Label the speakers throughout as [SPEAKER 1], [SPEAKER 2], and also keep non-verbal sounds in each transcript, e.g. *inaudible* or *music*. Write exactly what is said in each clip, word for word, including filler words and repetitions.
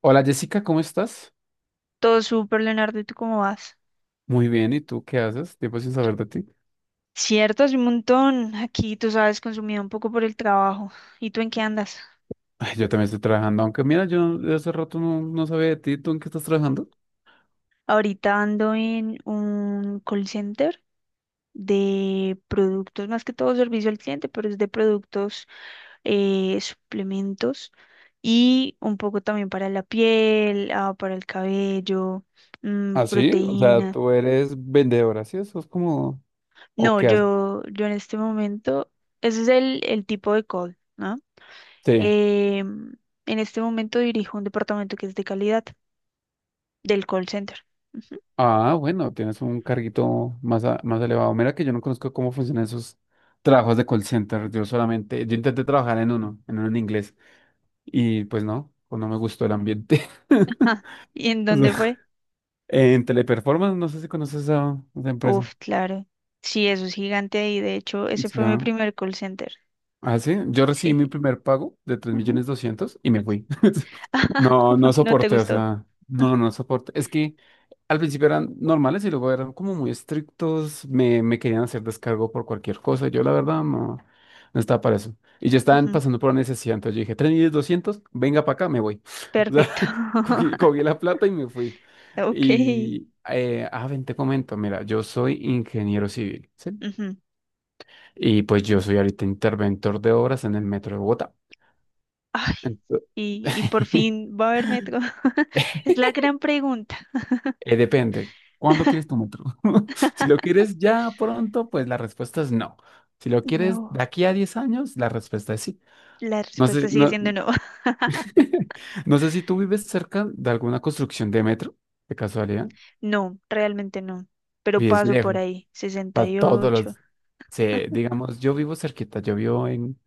[SPEAKER 1] Hola Jessica, ¿cómo estás?
[SPEAKER 2] Todo súper, Leonardo, ¿y tú cómo vas?
[SPEAKER 1] Muy bien, ¿y tú qué haces? Tiempo sin saber de ti.
[SPEAKER 2] Cierto, hace un montón. Aquí, tú sabes, consumido un poco por el trabajo. ¿Y tú en qué andas?
[SPEAKER 1] Ay, yo también estoy trabajando, aunque mira, yo no- de hace rato no, no sabía de ti, ¿tú en qué estás trabajando?
[SPEAKER 2] Ahorita ando en un call center de productos, más que todo servicio al cliente, pero es de productos, eh, suplementos y un poco también para la piel, ah, para el cabello, mm,
[SPEAKER 1] Ah, sí, o sea,
[SPEAKER 2] proteína.
[SPEAKER 1] tú eres vendedora, ¿sí? Eso es como. ¿O
[SPEAKER 2] No,
[SPEAKER 1] qué haces?
[SPEAKER 2] yo, yo en este momento, ese es el, el tipo de call, ¿no?
[SPEAKER 1] Sí.
[SPEAKER 2] Eh, en este momento dirijo un departamento que es de calidad del call center. Ujú.
[SPEAKER 1] Ah, bueno, tienes un carguito más, a- más elevado. Mira que yo no conozco cómo funcionan esos trabajos de call center. Yo solamente, yo intenté trabajar en uno, en uno en inglés, y pues no, pues no me gustó el ambiente. *laughs*
[SPEAKER 2] Ah, *laughs* ¿Y en
[SPEAKER 1] O sea,
[SPEAKER 2] dónde fue?
[SPEAKER 1] en Teleperformance, no sé si conoces a esa empresa.
[SPEAKER 2] Uf, claro. Sí, eso es gigante ahí. De hecho, ese
[SPEAKER 1] Sí.
[SPEAKER 2] fue mi primer call center.
[SPEAKER 1] Ah, sí, yo recibí
[SPEAKER 2] Sí.
[SPEAKER 1] mi primer pago de tres
[SPEAKER 2] Ujú.
[SPEAKER 1] millones doscientos y me fui. *laughs* No, no
[SPEAKER 2] *laughs* No te
[SPEAKER 1] soporté, o
[SPEAKER 2] gustó.
[SPEAKER 1] sea, no, no soporté. Es que al principio eran normales y luego eran como muy estrictos, me, me querían hacer descargo por cualquier cosa. Yo la verdad no, no estaba para eso. Y ya estaban
[SPEAKER 2] Ujú.
[SPEAKER 1] pasando por la necesidad, entonces yo dije, tres millones doscientos, venga para acá, me voy. *laughs* O sea,
[SPEAKER 2] Perfecto.
[SPEAKER 1] *laughs* cogí,
[SPEAKER 2] *laughs*
[SPEAKER 1] cogí la plata y me fui.
[SPEAKER 2] Ok.
[SPEAKER 1] Y, eh, ah, ven, te comento, mira, yo soy ingeniero civil, ¿sí?
[SPEAKER 2] Ujú.
[SPEAKER 1] Y pues yo soy ahorita interventor de obras en el metro de Bogotá.
[SPEAKER 2] Ah,
[SPEAKER 1] Ento-
[SPEAKER 2] y, ¿y por
[SPEAKER 1] *laughs*
[SPEAKER 2] fin va a haber metro? *laughs* Es la gran pregunta.
[SPEAKER 1] eh, depende. ¿Cuándo quieres tu metro? *laughs* Si lo
[SPEAKER 2] *laughs*
[SPEAKER 1] quieres ya pronto, pues la respuesta es no. Si lo quieres
[SPEAKER 2] No,
[SPEAKER 1] de aquí a diez años, la respuesta es sí.
[SPEAKER 2] la
[SPEAKER 1] No
[SPEAKER 2] respuesta
[SPEAKER 1] sé,
[SPEAKER 2] sigue
[SPEAKER 1] no,
[SPEAKER 2] siendo no. *laughs*
[SPEAKER 1] *laughs* no sé si tú vives cerca de alguna construcción de metro, de casualidad.
[SPEAKER 2] No, realmente no. Pero
[SPEAKER 1] Vives
[SPEAKER 2] paso por
[SPEAKER 1] lejos,
[SPEAKER 2] ahí. sesenta
[SPEAKER 1] para
[SPEAKER 2] y
[SPEAKER 1] todos
[SPEAKER 2] ocho.
[SPEAKER 1] los. Sí, digamos, yo vivo cerquita, yo vivo en,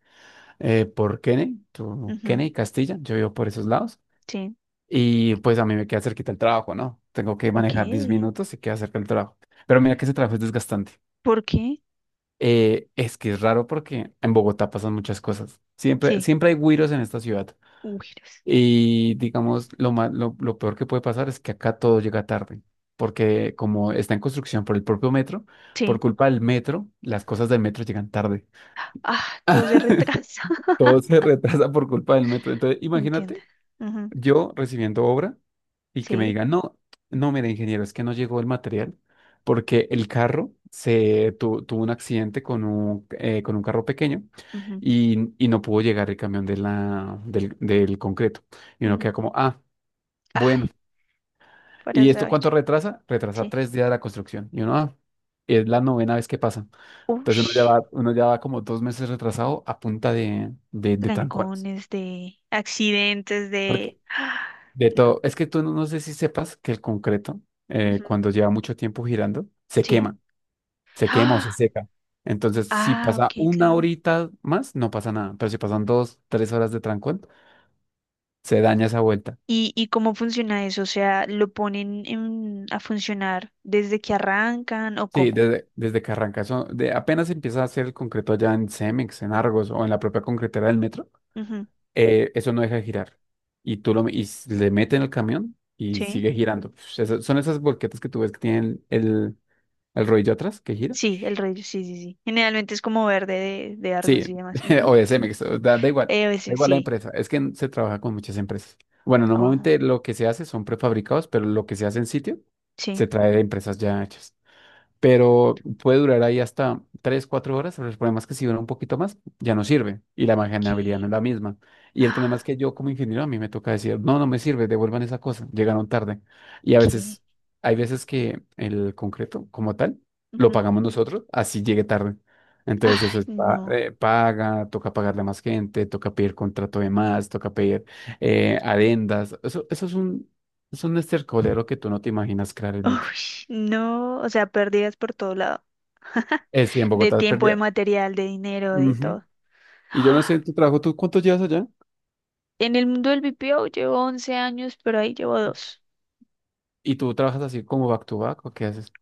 [SPEAKER 1] eh, por Kenney, tu-
[SPEAKER 2] Ujú.
[SPEAKER 1] Kenney, Castilla, yo vivo por esos lados.
[SPEAKER 2] Sí,
[SPEAKER 1] Y pues a mí me queda cerquita el trabajo, ¿no? Tengo que
[SPEAKER 2] ok.
[SPEAKER 1] manejar diez minutos y queda cerca el trabajo. Pero mira que ese trabajo es desgastante.
[SPEAKER 2] ¿Por qué?
[SPEAKER 1] Eh, es que es raro porque en Bogotá pasan muchas cosas. Siempre,
[SPEAKER 2] Sí,
[SPEAKER 1] siempre hay güiros en esta ciudad.
[SPEAKER 2] un virus.
[SPEAKER 1] Y digamos, lo ma- lo, lo peor que puede pasar es que acá todo llega tarde. Porque como está en construcción por el propio metro, por
[SPEAKER 2] Sí.
[SPEAKER 1] culpa del metro, las cosas del metro llegan tarde.
[SPEAKER 2] Ah, todo se retrasa.
[SPEAKER 1] Todo se
[SPEAKER 2] *laughs*
[SPEAKER 1] *laughs* retrasa por culpa del metro. Entonces,
[SPEAKER 2] Entiendo.
[SPEAKER 1] imagínate,
[SPEAKER 2] Ujú.
[SPEAKER 1] yo recibiendo obra y que me
[SPEAKER 2] Sí.
[SPEAKER 1] digan, no, no, mire, ingeniero, es que no llegó el material porque el carro se tu- tuvo un accidente con un, eh, con un carro pequeño
[SPEAKER 2] Ujú,
[SPEAKER 1] y, y no pudo llegar el camión de la, del, del concreto. Y uno
[SPEAKER 2] ujú.
[SPEAKER 1] queda como, ah, bueno.
[SPEAKER 2] Ay, para
[SPEAKER 1] ¿Y esto
[SPEAKER 2] saber.
[SPEAKER 1] cuánto retrasa? Retrasa
[SPEAKER 2] Sí.
[SPEAKER 1] tres días la construcción. Y uno, ah, es la novena vez que pasa. Entonces uno ya
[SPEAKER 2] Ush,
[SPEAKER 1] va, uno ya va como dos meses retrasado a punta de, de, de trancones.
[SPEAKER 2] trancones de accidentes de. Ah,
[SPEAKER 1] De
[SPEAKER 2] no.
[SPEAKER 1] todo. Es que tú no, no sé si sepas que el concreto, eh,
[SPEAKER 2] Ujú.
[SPEAKER 1] cuando lleva mucho tiempo girando, se
[SPEAKER 2] Sí.
[SPEAKER 1] quema, se quema o se
[SPEAKER 2] Ah,
[SPEAKER 1] seca. Entonces, si
[SPEAKER 2] ah,
[SPEAKER 1] pasa
[SPEAKER 2] ok,
[SPEAKER 1] una
[SPEAKER 2] claro.
[SPEAKER 1] horita más, no pasa nada. Pero si pasan dos, tres horas de trancón, se daña esa vuelta.
[SPEAKER 2] ¿Y, y cómo funciona eso? O sea, ¿lo ponen en- a funcionar desde que arrancan o
[SPEAKER 1] Sí,
[SPEAKER 2] cómo?
[SPEAKER 1] desde, desde que arranca eso, de, apenas empieza a hacer el concreto allá en Cemex, en Argos o en la propia concretera del metro,
[SPEAKER 2] Ujú.
[SPEAKER 1] eh, eso no deja de girar. Y tú lo, y s- le meten el camión y
[SPEAKER 2] Sí.
[SPEAKER 1] sigue girando. Uf, eso- son esas volquetas que tú ves que tienen el, el rodillo atrás que gira.
[SPEAKER 2] Sí, el rey, sí, sí, sí. Generalmente es como verde de, de
[SPEAKER 1] Sí,
[SPEAKER 2] Argos y demás.
[SPEAKER 1] *laughs*
[SPEAKER 2] Ujú.
[SPEAKER 1] o de Cemex, o da, da igual,
[SPEAKER 2] Eh, a
[SPEAKER 1] da
[SPEAKER 2] veces
[SPEAKER 1] igual la
[SPEAKER 2] sí.
[SPEAKER 1] empresa. Es que se trabaja con muchas empresas. Bueno,
[SPEAKER 2] Oh,
[SPEAKER 1] normalmente lo que se hace son prefabricados, pero lo que se hace en sitio
[SPEAKER 2] sí.
[SPEAKER 1] se trae de empresas ya hechas, pero puede durar ahí hasta tres cuatro horas, pero el problema es que si dura un poquito más, ya no sirve y la manejabilidad no
[SPEAKER 2] ¿Qué?
[SPEAKER 1] es la misma. Y el problema es
[SPEAKER 2] Ah,
[SPEAKER 1] que yo como ingeniero a mí me toca decir, no, no me sirve, devuelvan esa cosa, llegaron tarde. Y a
[SPEAKER 2] ¿qué?
[SPEAKER 1] veces, hay veces que el concreto como tal lo
[SPEAKER 2] Ujú.
[SPEAKER 1] pagamos nosotros, así llegue tarde. Entonces eso
[SPEAKER 2] Ay,
[SPEAKER 1] es pa-
[SPEAKER 2] no.
[SPEAKER 1] eh, paga, toca pagarle a más gente, toca pedir contrato de más, toca pedir eh, adendas. Eso, eso es un, es un estercolero que tú no te imaginas crear el
[SPEAKER 2] Uy,
[SPEAKER 1] metro.
[SPEAKER 2] no. O sea, pérdidas por todo lado. *laughs*
[SPEAKER 1] Eh, sí, en
[SPEAKER 2] De
[SPEAKER 1] Bogotá es
[SPEAKER 2] tiempo, de
[SPEAKER 1] pérdida.
[SPEAKER 2] material, de dinero, de
[SPEAKER 1] Ujú.
[SPEAKER 2] todo.
[SPEAKER 1] Y yo no sé,
[SPEAKER 2] Ah,
[SPEAKER 1] tu trabajo, ¿tú cuánto llevas allá?
[SPEAKER 2] en el mundo del B P O llevo once años, pero ahí llevo dos.
[SPEAKER 1] ¿Y tú trabajas así como back to back o qué haces?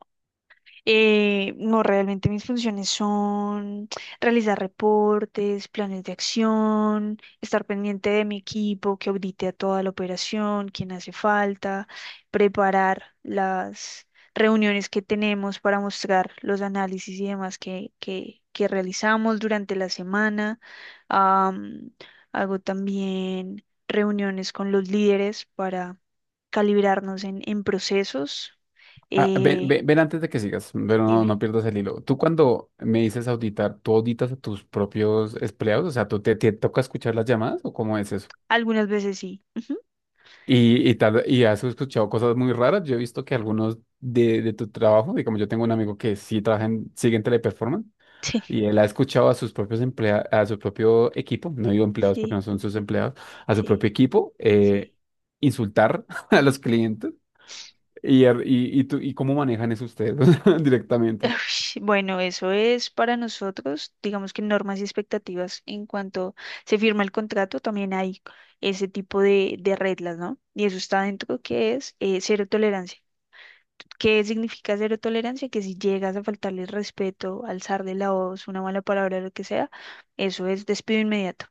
[SPEAKER 2] Eh, no, realmente mis funciones son realizar reportes, planes de acción, estar pendiente de mi equipo que audite a toda la operación, quién hace falta, preparar las reuniones que tenemos para mostrar los análisis y demás que, que, que realizamos durante la semana. Am, Hago también reuniones con los líderes para calibrarnos en, en procesos.
[SPEAKER 1] Ah, ven,
[SPEAKER 2] Eh,
[SPEAKER 1] ven, ven antes de que sigas, pero no,
[SPEAKER 2] Dime.
[SPEAKER 1] no pierdas el hilo. Tú cuando me dices auditar, ¿tú auditas a tus propios empleados? O sea, ¿tú te, te toca escuchar las llamadas o cómo es eso?
[SPEAKER 2] Algunas veces sí. Ujú.
[SPEAKER 1] Y, y tal, y has escuchado cosas muy raras. Yo he visto que algunos de, de tu trabajo, y como yo tengo un amigo que sí trabaja en, sigue en Teleperformance. Y
[SPEAKER 2] *laughs*
[SPEAKER 1] él ha escuchado a sus propios empleados, a su propio equipo, no digo
[SPEAKER 2] Sí,
[SPEAKER 1] empleados porque
[SPEAKER 2] sí,
[SPEAKER 1] no son sus empleados, a su
[SPEAKER 2] sí,
[SPEAKER 1] propio equipo, eh,
[SPEAKER 2] sí.
[SPEAKER 1] insultar *laughs* a los clientes. Y, er- y, y, tú- y cómo manejan eso ustedes *laughs* directamente.
[SPEAKER 2] Ush, bueno, eso es para nosotros, digamos que normas y expectativas en cuanto se firma el contrato, también hay ese tipo de, de reglas, ¿no? Y eso está dentro que es eh, cero tolerancia. ¿Qué significa cero tolerancia? Que si llegas a faltarle el respeto, alzar de la voz, una mala palabra, lo que sea, eso es despido inmediato.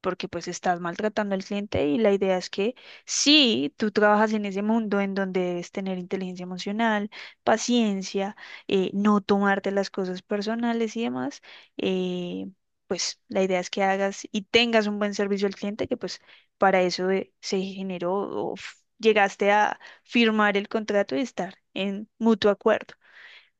[SPEAKER 2] Porque pues estás maltratando al cliente y la idea es que sí, tú trabajas en ese mundo en donde debes tener inteligencia emocional, paciencia, eh, no tomarte las cosas personales y demás, eh, pues la idea es que hagas y tengas un buen servicio al cliente, que pues para eso eh, se generó o f- llegaste a firmar el contrato y estar en mutuo acuerdo.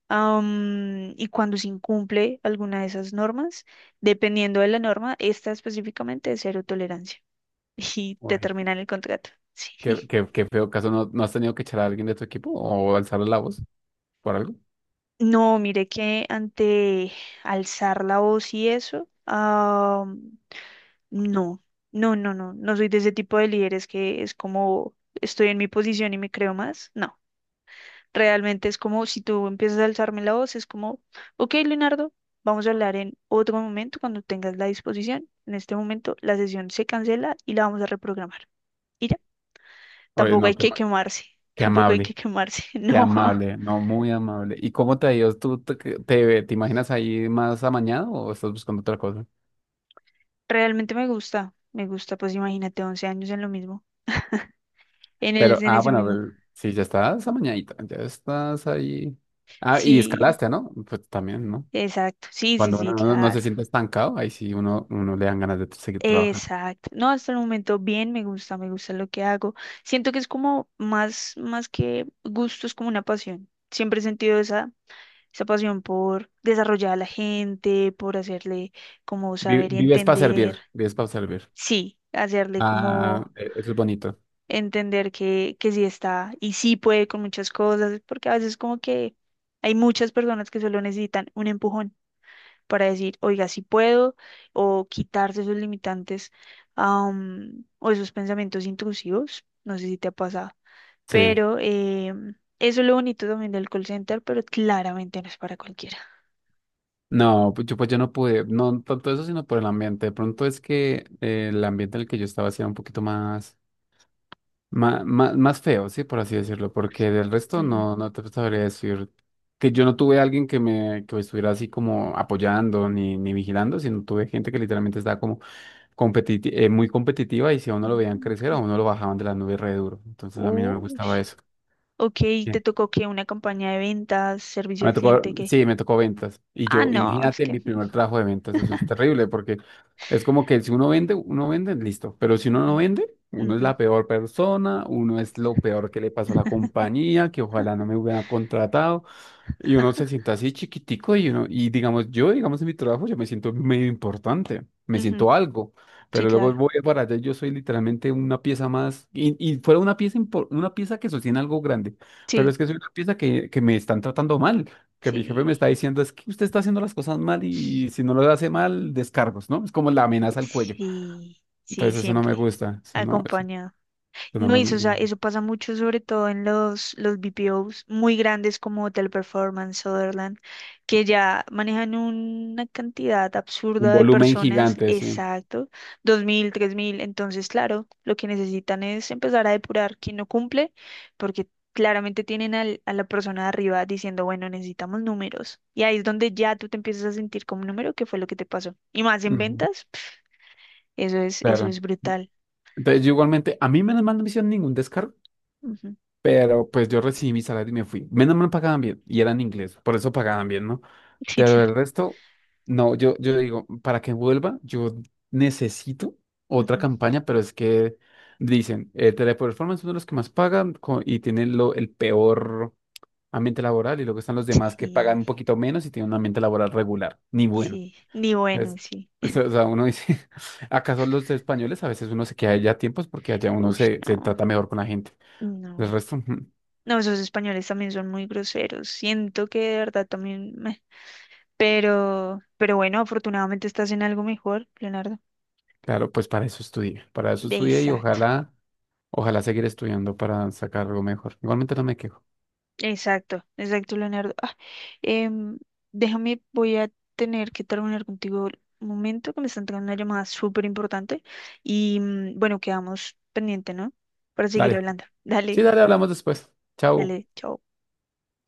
[SPEAKER 2] Am, y cuando se incumple alguna de esas normas, dependiendo de la norma, esta específicamente es cero tolerancia *laughs* y te
[SPEAKER 1] Uy,
[SPEAKER 2] terminan el contrato. Sí.
[SPEAKER 1] qué,
[SPEAKER 2] *laughs*
[SPEAKER 1] qué, qué feo caso. ¿No, no has tenido que echar a alguien de tu equipo o alzarle la voz por algo?
[SPEAKER 2] No, mire que ante alzar la voz y eso, am, no, no, no, no, no soy de ese tipo de líderes que es como estoy en mi posición y me creo más. No. Realmente es como si tú empiezas a alzarme la voz, es como, ok, Leonardo, vamos a hablar en otro momento cuando tengas la disposición. En este momento la sesión se cancela y la vamos a reprogramar. Y ya,
[SPEAKER 1] Oye,
[SPEAKER 2] tampoco hay
[SPEAKER 1] no, qué,
[SPEAKER 2] que
[SPEAKER 1] ma-
[SPEAKER 2] quemarse, *laughs*
[SPEAKER 1] qué
[SPEAKER 2] tampoco hay que
[SPEAKER 1] amable,
[SPEAKER 2] quemarse, *laughs*
[SPEAKER 1] qué
[SPEAKER 2] no.
[SPEAKER 1] amable, no, muy amable. ¿Y cómo te ha ido? ¿Tú te, te, te imaginas ahí más amañado o estás buscando otra cosa?
[SPEAKER 2] Realmente me gusta, me gusta, pues imagínate once años en lo mismo, en
[SPEAKER 1] Pero,
[SPEAKER 2] el, en
[SPEAKER 1] ah,
[SPEAKER 2] ese
[SPEAKER 1] bueno,
[SPEAKER 2] mismo.
[SPEAKER 1] el- sí, ya estás amañadita, ya estás ahí. Ah, y
[SPEAKER 2] Sí,
[SPEAKER 1] escalaste, ¿no? Pues también, ¿no?
[SPEAKER 2] exacto, sí, sí,
[SPEAKER 1] Cuando uno
[SPEAKER 2] sí,
[SPEAKER 1] no, no se
[SPEAKER 2] claro.
[SPEAKER 1] siente estancado, ahí sí uno, uno le dan ganas de seguir trabajando.
[SPEAKER 2] Exacto. No, hasta el momento bien, me gusta, me gusta lo que hago. Siento que es como más, más que gusto, es como una pasión. Siempre he sentido esa, esa pasión por desarrollar a la gente, por hacerle como
[SPEAKER 1] Vi-
[SPEAKER 2] saber y
[SPEAKER 1] Vives para
[SPEAKER 2] entender.
[SPEAKER 1] servir, vives para servir.
[SPEAKER 2] Sí, hacerle
[SPEAKER 1] Ah,
[SPEAKER 2] como
[SPEAKER 1] e- eso es bonito.
[SPEAKER 2] entender que, que sí está y sí puede con muchas cosas, porque a veces como que hay muchas personas que solo necesitan un empujón para decir, oiga, sí puedo, o quitarse esos limitantes am, o esos pensamientos intrusivos. No sé si te ha pasado,
[SPEAKER 1] Sí.
[SPEAKER 2] pero eh, eso es lo bonito también del call center, pero claramente no es para cualquiera.
[SPEAKER 1] No, pues yo, pues yo no pude, no tanto eso, sino por el ambiente. De pronto es que eh, el ambiente en el que yo estaba sí era un poquito más, ma- ma- más feo, ¿sí? Por así decirlo, porque del resto
[SPEAKER 2] Ujú.
[SPEAKER 1] no, no te sabría decir que yo no tuve alguien que me, que me estuviera así como apoyando ni, ni vigilando, sino tuve gente que literalmente estaba como competiti- eh, muy competitiva y si a uno lo veían
[SPEAKER 2] Mm,
[SPEAKER 1] crecer, a
[SPEAKER 2] ok.
[SPEAKER 1] uno lo bajaban de la nube re duro. Entonces a mí no me gustaba
[SPEAKER 2] Ush.
[SPEAKER 1] eso.
[SPEAKER 2] Ok, te tocó que una campaña de ventas, servicio
[SPEAKER 1] Me
[SPEAKER 2] al
[SPEAKER 1] tocó,
[SPEAKER 2] cliente, que,
[SPEAKER 1] sí, me tocó ventas. Y
[SPEAKER 2] ah,
[SPEAKER 1] yo,
[SPEAKER 2] no, es
[SPEAKER 1] imagínate
[SPEAKER 2] que,
[SPEAKER 1] mi
[SPEAKER 2] mm,
[SPEAKER 1] primer trabajo de ventas, eso es
[SPEAKER 2] *laughs*
[SPEAKER 1] terrible, porque es como que si uno vende, uno vende, listo. Pero si uno no
[SPEAKER 2] ujú,
[SPEAKER 1] vende, uno es
[SPEAKER 2] ujú,
[SPEAKER 1] la peor persona, uno es lo peor que le pasó a la compañía, que ojalá no me hubieran contratado. Y uno se siente así chiquitico y uno, y digamos, yo, digamos, en mi trabajo, yo me siento medio importante, me
[SPEAKER 2] ujú.
[SPEAKER 1] siento algo,
[SPEAKER 2] Sí,
[SPEAKER 1] pero luego
[SPEAKER 2] claro,
[SPEAKER 1] voy para allá y yo soy literalmente una pieza más, y, y fuera una pieza, impor- una pieza que sostiene algo grande, pero
[SPEAKER 2] sí,
[SPEAKER 1] es que soy una pieza que, que me están tratando mal, que mi jefe me
[SPEAKER 2] sí,
[SPEAKER 1] está diciendo, es que usted está haciendo las cosas mal y si no lo hace mal, descargos, ¿no? Es como la amenaza al cuello.
[SPEAKER 2] sí, sí,
[SPEAKER 1] Entonces eso no me
[SPEAKER 2] siempre,
[SPEAKER 1] gusta, eso no, eso,
[SPEAKER 2] acompañado.
[SPEAKER 1] eso no
[SPEAKER 2] No,
[SPEAKER 1] me
[SPEAKER 2] eso, o sea,
[SPEAKER 1] gusta.
[SPEAKER 2] eso pasa mucho, sobre todo en los, los B P Os muy grandes como Hotel Performance, Sutherland, que ya manejan una cantidad
[SPEAKER 1] Un
[SPEAKER 2] absurda de
[SPEAKER 1] volumen
[SPEAKER 2] personas,
[SPEAKER 1] gigante, sí.
[SPEAKER 2] exacto, dos mil tres mil. Entonces, claro, lo que necesitan es empezar a depurar quién no cumple, porque claramente tienen al- a la persona de arriba diciendo, bueno, necesitamos números. Y ahí es donde ya tú te empiezas a sentir como un número, que fue lo que te pasó. Y más en
[SPEAKER 1] Ujú.
[SPEAKER 2] ventas, eso es, eso
[SPEAKER 1] Claro.
[SPEAKER 2] es brutal.
[SPEAKER 1] Entonces, yo igualmente, a mí menos mal no me hicieron ningún descargo.
[SPEAKER 2] Ujú. *laughs*
[SPEAKER 1] Pero pues yo recibí mi salario y me fui. Menos mal pagaban bien y eran inglés, por eso pagaban bien, ¿no?
[SPEAKER 2] Sí,
[SPEAKER 1] Pero
[SPEAKER 2] claro.
[SPEAKER 1] el resto, no, yo, yo digo, para que vuelva, yo necesito otra
[SPEAKER 2] Ujú.
[SPEAKER 1] campaña, pero es que dicen, eh, Teleperformance es uno de los que más pagan co- y tienen lo, el peor ambiente laboral y luego están los demás que pagan
[SPEAKER 2] Sí.
[SPEAKER 1] un poquito menos y tienen un ambiente laboral regular, ni bueno.
[SPEAKER 2] Sí, ni bueno,
[SPEAKER 1] Pues,
[SPEAKER 2] sí.
[SPEAKER 1] eso, o sea, uno dice, *laughs* ¿acaso los españoles a veces uno se queda allá a tiempos porque allá uno
[SPEAKER 2] Uy,
[SPEAKER 1] se, se
[SPEAKER 2] no,
[SPEAKER 1] trata mejor con la gente? El
[SPEAKER 2] no.
[SPEAKER 1] resto. *laughs*
[SPEAKER 2] No, esos españoles también son muy groseros. Siento que de verdad también meh. Pero, pero bueno, afortunadamente estás en algo mejor, Leonardo.
[SPEAKER 1] Claro, pues para eso estudié, para eso estudié y
[SPEAKER 2] Exacto,
[SPEAKER 1] ojalá, ojalá seguir estudiando para sacar algo mejor. Igualmente no me quejo.
[SPEAKER 2] exacto, exacto, Leonardo. Ah, em, déjame, voy a tener que terminar contigo un momento, que me están entrando una llamada súper importante. Y mm, bueno, quedamos pendiente, ¿no? Para seguir
[SPEAKER 1] Dale.
[SPEAKER 2] hablando.
[SPEAKER 1] Sí,
[SPEAKER 2] Dale,
[SPEAKER 1] dale, hablamos después. Chao.
[SPEAKER 2] dale, chao.